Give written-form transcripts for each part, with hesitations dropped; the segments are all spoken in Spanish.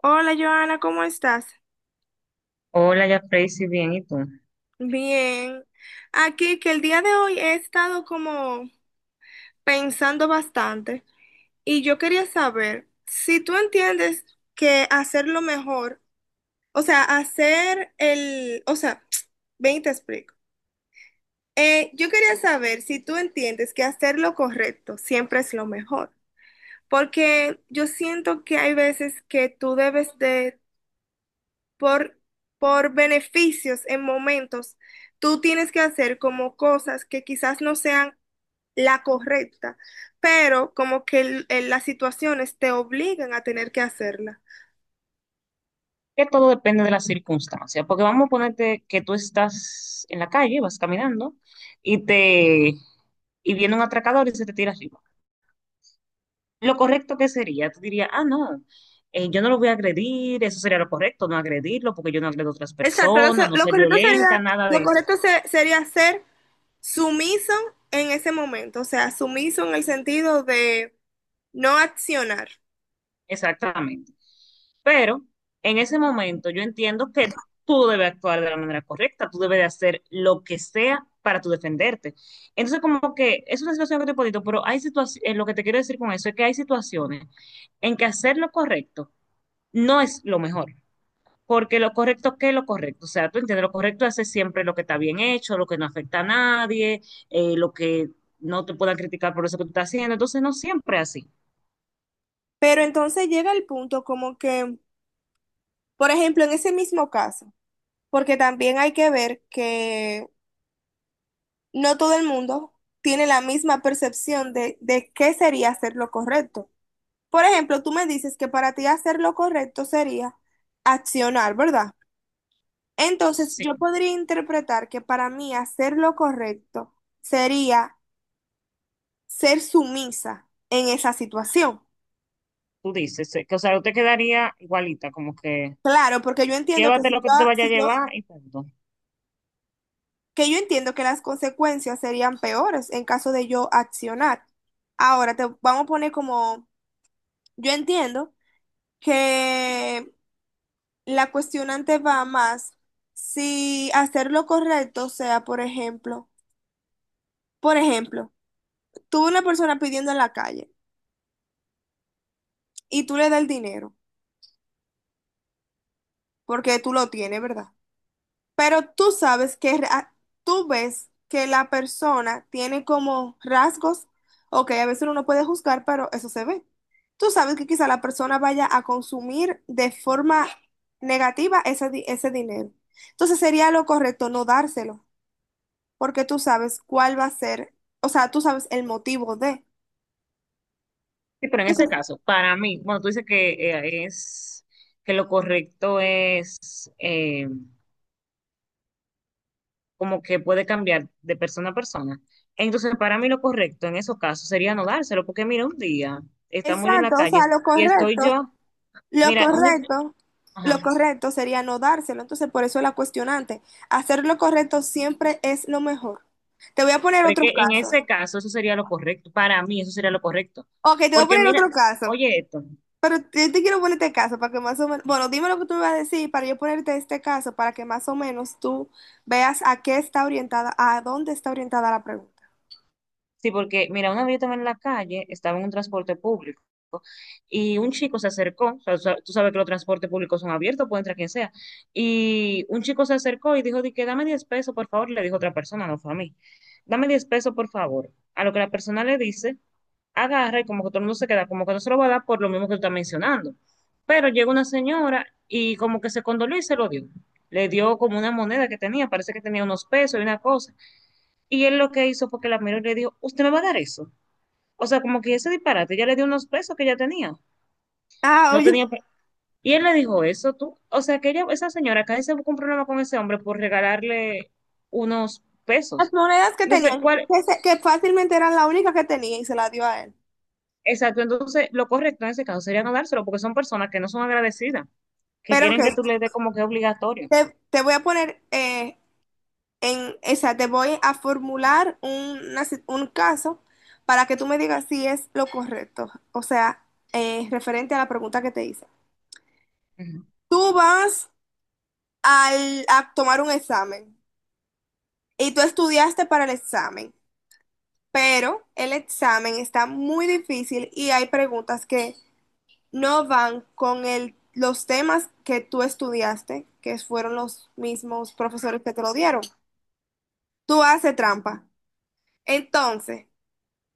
Hola Joana, ¿cómo estás? Hola, ya Tracy, bien, ¿y tú? Bien. Aquí que el día de hoy he estado como pensando bastante y yo quería saber si tú entiendes que hacer lo mejor, o sea, hacer el, o sea, ven y te explico. Yo quería saber si tú entiendes que hacer lo correcto siempre es lo mejor, porque yo siento que hay veces que tú debes de por, por beneficios en momentos, tú tienes que hacer como cosas que quizás no sean la correcta, pero como que las situaciones te obligan a tener que hacerla. Que todo depende de la circunstancia, porque vamos a ponerte que tú estás en la calle, vas caminando y te y viene un atracador y se te tira arriba. Lo correcto que sería, tú dirías, ah, no, yo no lo voy a agredir, eso sería lo correcto, no agredirlo, porque yo no agredo a otras Exacto, lo, personas, no lo ser correcto sería, violenta, nada lo de eso. correcto sería ser sumiso en ese momento, o sea, sumiso en el sentido de no accionar. Exactamente. Pero en ese momento yo entiendo que tú debes actuar de la manera correcta, tú debes de hacer lo que sea para tú defenderte. Entonces, como que es una situación que te podito, pero hay situaciones, lo que te quiero decir con eso es que hay situaciones en que hacer lo correcto no es lo mejor. Porque lo correcto, ¿qué es lo correcto? O sea, tú entiendes, lo correcto es hacer siempre lo que está bien hecho, lo que no afecta a nadie, lo que no te puedan criticar por eso que tú estás haciendo. Entonces, no siempre es así. Pero entonces llega el punto como que, por ejemplo, en ese mismo caso, porque también hay que ver que no todo el mundo tiene la misma percepción de qué sería hacer lo correcto. Por ejemplo, tú me dices que para ti hacer lo correcto sería accionar, ¿verdad? Entonces, Sí, yo podría interpretar que para mí hacer lo correcto sería ser sumisa en esa situación. tú dices, sí, que, o sea, yo te quedaría igualita, como que Claro, porque yo entiendo que llévate si lo que tú te yo, vayas a si yo- llevar y punto. que yo entiendo que las consecuencias serían peores en caso de yo accionar. Ahora te vamos a poner como, yo entiendo que la cuestionante va más si hacer lo correcto, sea, por ejemplo, tú una persona pidiendo en la calle y tú le das el dinero, porque tú lo tienes, ¿verdad? Pero tú sabes que tú ves que la persona tiene como rasgos, ok, a veces uno no puede juzgar, pero eso se ve. Tú sabes que quizá la persona vaya a consumir de forma negativa ese, ese dinero. Entonces sería lo correcto no dárselo, porque tú sabes cuál va a ser, o sea, tú sabes el motivo de. Sí, pero en ese Entonces, caso, para mí, bueno, tú dices que es que lo correcto es como que puede cambiar de persona a persona. Entonces, para mí lo correcto en esos casos sería no dárselo, porque mira, un día estamos yo en exacto, la o sea, calle y estoy yo, lo mira, un día, correcto, lo ajá, correcto sería no dárselo, entonces por eso la cuestionante. Hacer lo correcto siempre es lo mejor. Te voy a poner otro porque en caso. ese caso eso sería lo correcto, para mí eso sería lo correcto. Ok, te voy a Porque poner mira, otro caso, oye esto. pero yo te quiero poner este caso para que más o menos, bueno, dime lo que tú me vas a decir para yo ponerte este caso, para que más o menos tú veas a qué está orientada, a dónde está orientada la pregunta. Sí, porque mira, una vez yo estaba en la calle, estaba en un transporte público y un chico se acercó, o sea, tú sabes que los transportes públicos son abiertos, puede entrar quien sea, y un chico se acercó y dijo, di que dame 10 pesos, por favor, le dijo otra persona, no fue a mí, dame 10 pesos, por favor, a lo que la persona le dice, agarra y como que todo el mundo se queda, como que no se lo va a dar por lo mismo que tú estás mencionando, pero llega una señora y como que se condoló y se lo dio, le dio como una moneda que tenía, parece que tenía unos pesos y una cosa. Y él lo que hizo fue que la miró y le dijo, ¿usted me va a dar eso? O sea, como que ese disparate, ella le dio unos pesos que ya tenía. Ah, No oye. tenía. Y él le dijo eso, tú. O sea, que ella, esa señora acá se buscó un problema con ese hombre por regalarle unos Las pesos. monedas que Entonces, tenían, ¿cuál? que, que fácilmente eran la única que tenía y se la dio a él. Exacto, entonces lo correcto en ese caso sería no dárselo porque son personas que no son agradecidas, que Pero ok, quieren que tú le des como que obligatorio. Te voy a poner en, o sea, te voy a formular una un caso para que tú me digas si es lo correcto. O sea, referente a la pregunta que te hice. Ujú. Tú vas a tomar un examen y tú estudiaste para el examen, pero el examen está muy difícil y hay preguntas que no van con el, los temas que tú estudiaste, que fueron los mismos profesores que te lo dieron. Tú haces trampa. Entonces,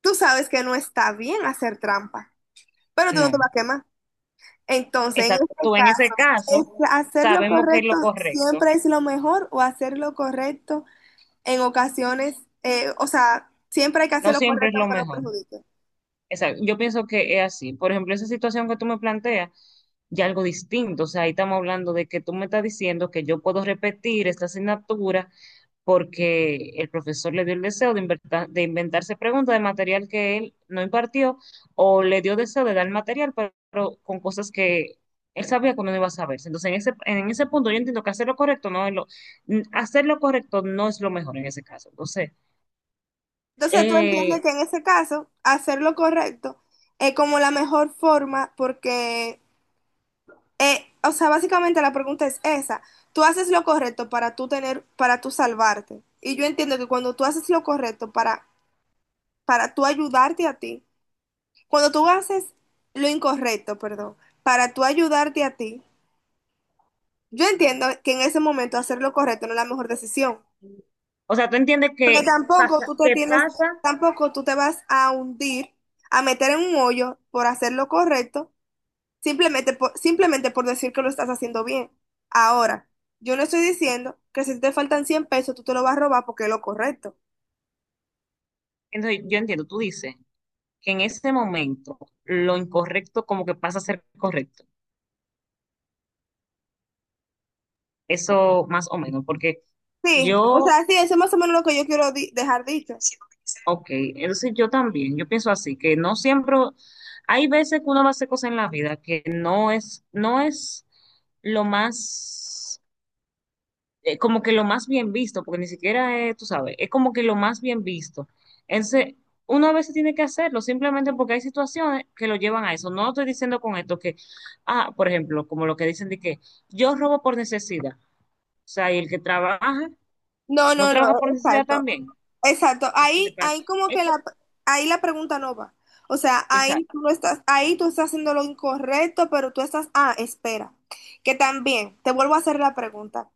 tú sabes que no está bien hacer trampa, pero tú no te No. vas a quemar. Entonces, en Exacto, este tú en ese caso, ¿es caso hacer lo sabemos que es correcto lo correcto. siempre es lo mejor o hacer lo correcto en ocasiones, o sea, siempre hay que No hacer lo siempre es correcto lo aunque lo mejor. perjudique? Exacto, yo pienso que es así. Por ejemplo, esa situación que tú me planteas, ya algo distinto. O sea, ahí estamos hablando de que tú me estás diciendo que yo puedo repetir esta asignatura porque el profesor le dio el deseo de, de inventarse preguntas de material que él no impartió o le dio deseo de dar material, pero con cosas que él sabía que no iba a saberse. Entonces, en ese punto yo entiendo que hacer lo correcto no es hacer lo correcto no es lo mejor en ese caso. Entonces, Entonces, ¿tú entiendes eh, que en ese caso, hacer lo correcto es como la mejor forma porque o sea, básicamente la pregunta es esa? Tú haces lo correcto para tú tener, para tú salvarte. Y yo entiendo que cuando tú haces lo correcto para tú ayudarte a ti, cuando tú haces lo incorrecto, perdón, para tú ayudarte a ti, yo entiendo que en ese momento hacer lo correcto no es la mejor decisión. o sea, tú entiendes Porque que tampoco pasa, tú te que tienes, pasa tampoco tú te vas a hundir, a meter en un hoyo por hacer lo correcto simplemente por, simplemente por decir que lo estás haciendo bien. Ahora, yo no estoy diciendo que si te faltan 100 pesos, tú te lo vas a robar porque es lo correcto. Entonces, yo entiendo, tú dices que en ese momento lo incorrecto como que pasa a ser correcto. Eso más o menos, porque Sí, o yo, sea, sí, eso es más o menos lo que yo quiero dejar dicho. ok, entonces yo también, yo pienso así, que no siempre, hay veces que uno va a hacer cosas en la vida que no es lo más como que lo más bien visto, porque ni siquiera es, tú sabes, es como que lo más bien visto. Entonces, uno a veces tiene que hacerlo simplemente porque hay situaciones que lo llevan a eso. No estoy diciendo con esto que, ah, por ejemplo, como lo que dicen de que yo robo por necesidad. O sea, y el que trabaja, No, no no, no, trabaja por necesidad exacto. también. Exacto. Ahí como Es que co- la, ahí la pregunta no va. O sea, esa- ahí tú no estás, ahí tú estás haciendo lo incorrecto, pero tú estás, ah, espera, que también, te vuelvo a hacer la pregunta.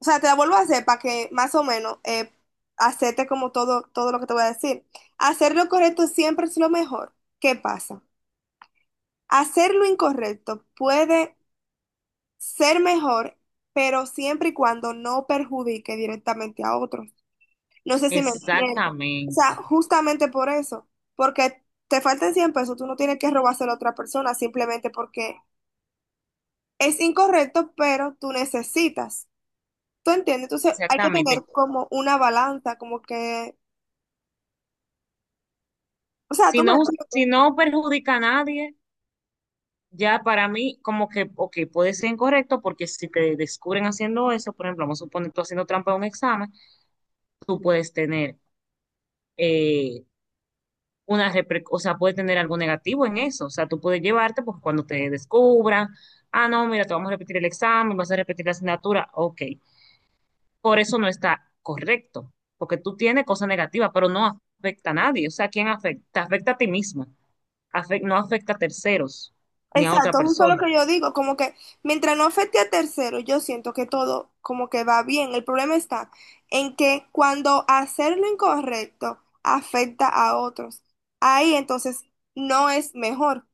O sea, te la vuelvo a hacer para que más o menos hacerte como todo, todo lo que te voy a decir. Hacer lo correcto siempre es lo mejor. ¿Qué pasa? Hacer lo incorrecto puede ser mejor, pero siempre y cuando no perjudique directamente a otros. No sé si me entiendes. O sea, Exactamente, justamente por eso, porque te faltan 100 pesos, tú no tienes que robárselo a otra persona simplemente porque es incorrecto, pero tú necesitas. ¿Tú entiendes? Entonces hay que exactamente. tener como una balanza, como que o sea, Si tú me no, si entiendes. no perjudica a nadie, ya para mí, como que, ok, puede ser incorrecto porque si te descubren haciendo eso, por ejemplo, vamos a suponer tú haciendo trampa en un examen, tú puedes tener eh, una o sea, puedes tener algo negativo en eso. O sea, tú puedes llevarte porque cuando te descubran, ah, no, mira, te vamos a repetir el examen, vas a repetir la asignatura, ok. Por eso no está correcto, porque tú tienes cosas negativas, pero no afecta a nadie. O sea, ¿quién afecta? Te afecta a ti mismo, no afecta a terceros ni a otra Exacto, justo lo persona. que yo digo, como que mientras no afecte a terceros, yo siento que todo como que va bien. El problema está en que cuando hacer lo incorrecto afecta a otros, ahí entonces no es mejor.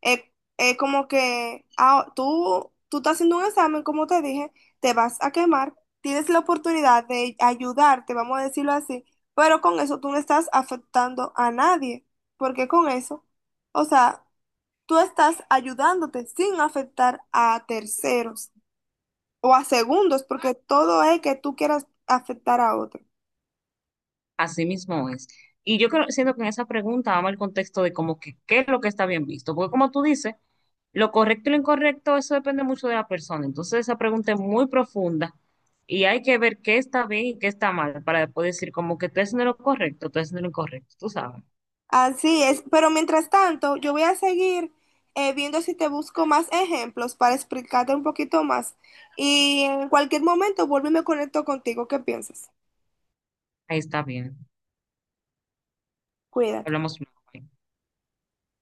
Es, es como que ah, tú estás haciendo un examen, como te dije, te vas a quemar, tienes la oportunidad de ayudarte, vamos a decirlo así, pero con eso tú no estás afectando a nadie, porque con eso, o sea, tú estás ayudándote sin afectar a terceros o a segundos, porque todo es que tú quieras afectar a otro. Así mismo es. Y yo creo, siento que en esa pregunta vamos al contexto de como que qué es lo que está bien visto, porque como tú dices, lo correcto y lo incorrecto, eso depende mucho de la persona. Entonces esa pregunta es muy profunda y hay que ver qué está bien y qué está mal para después decir como que tú estás haciendo lo correcto, tú estás haciendo lo incorrecto, tú sabes. Así es, pero mientras tanto, yo voy a seguir viendo si te busco más ejemplos para explicarte un poquito más. Y en cualquier momento vuelvo y me conecto contigo. ¿Qué piensas? Ahí está bien. Cuídate. Hablamos luego.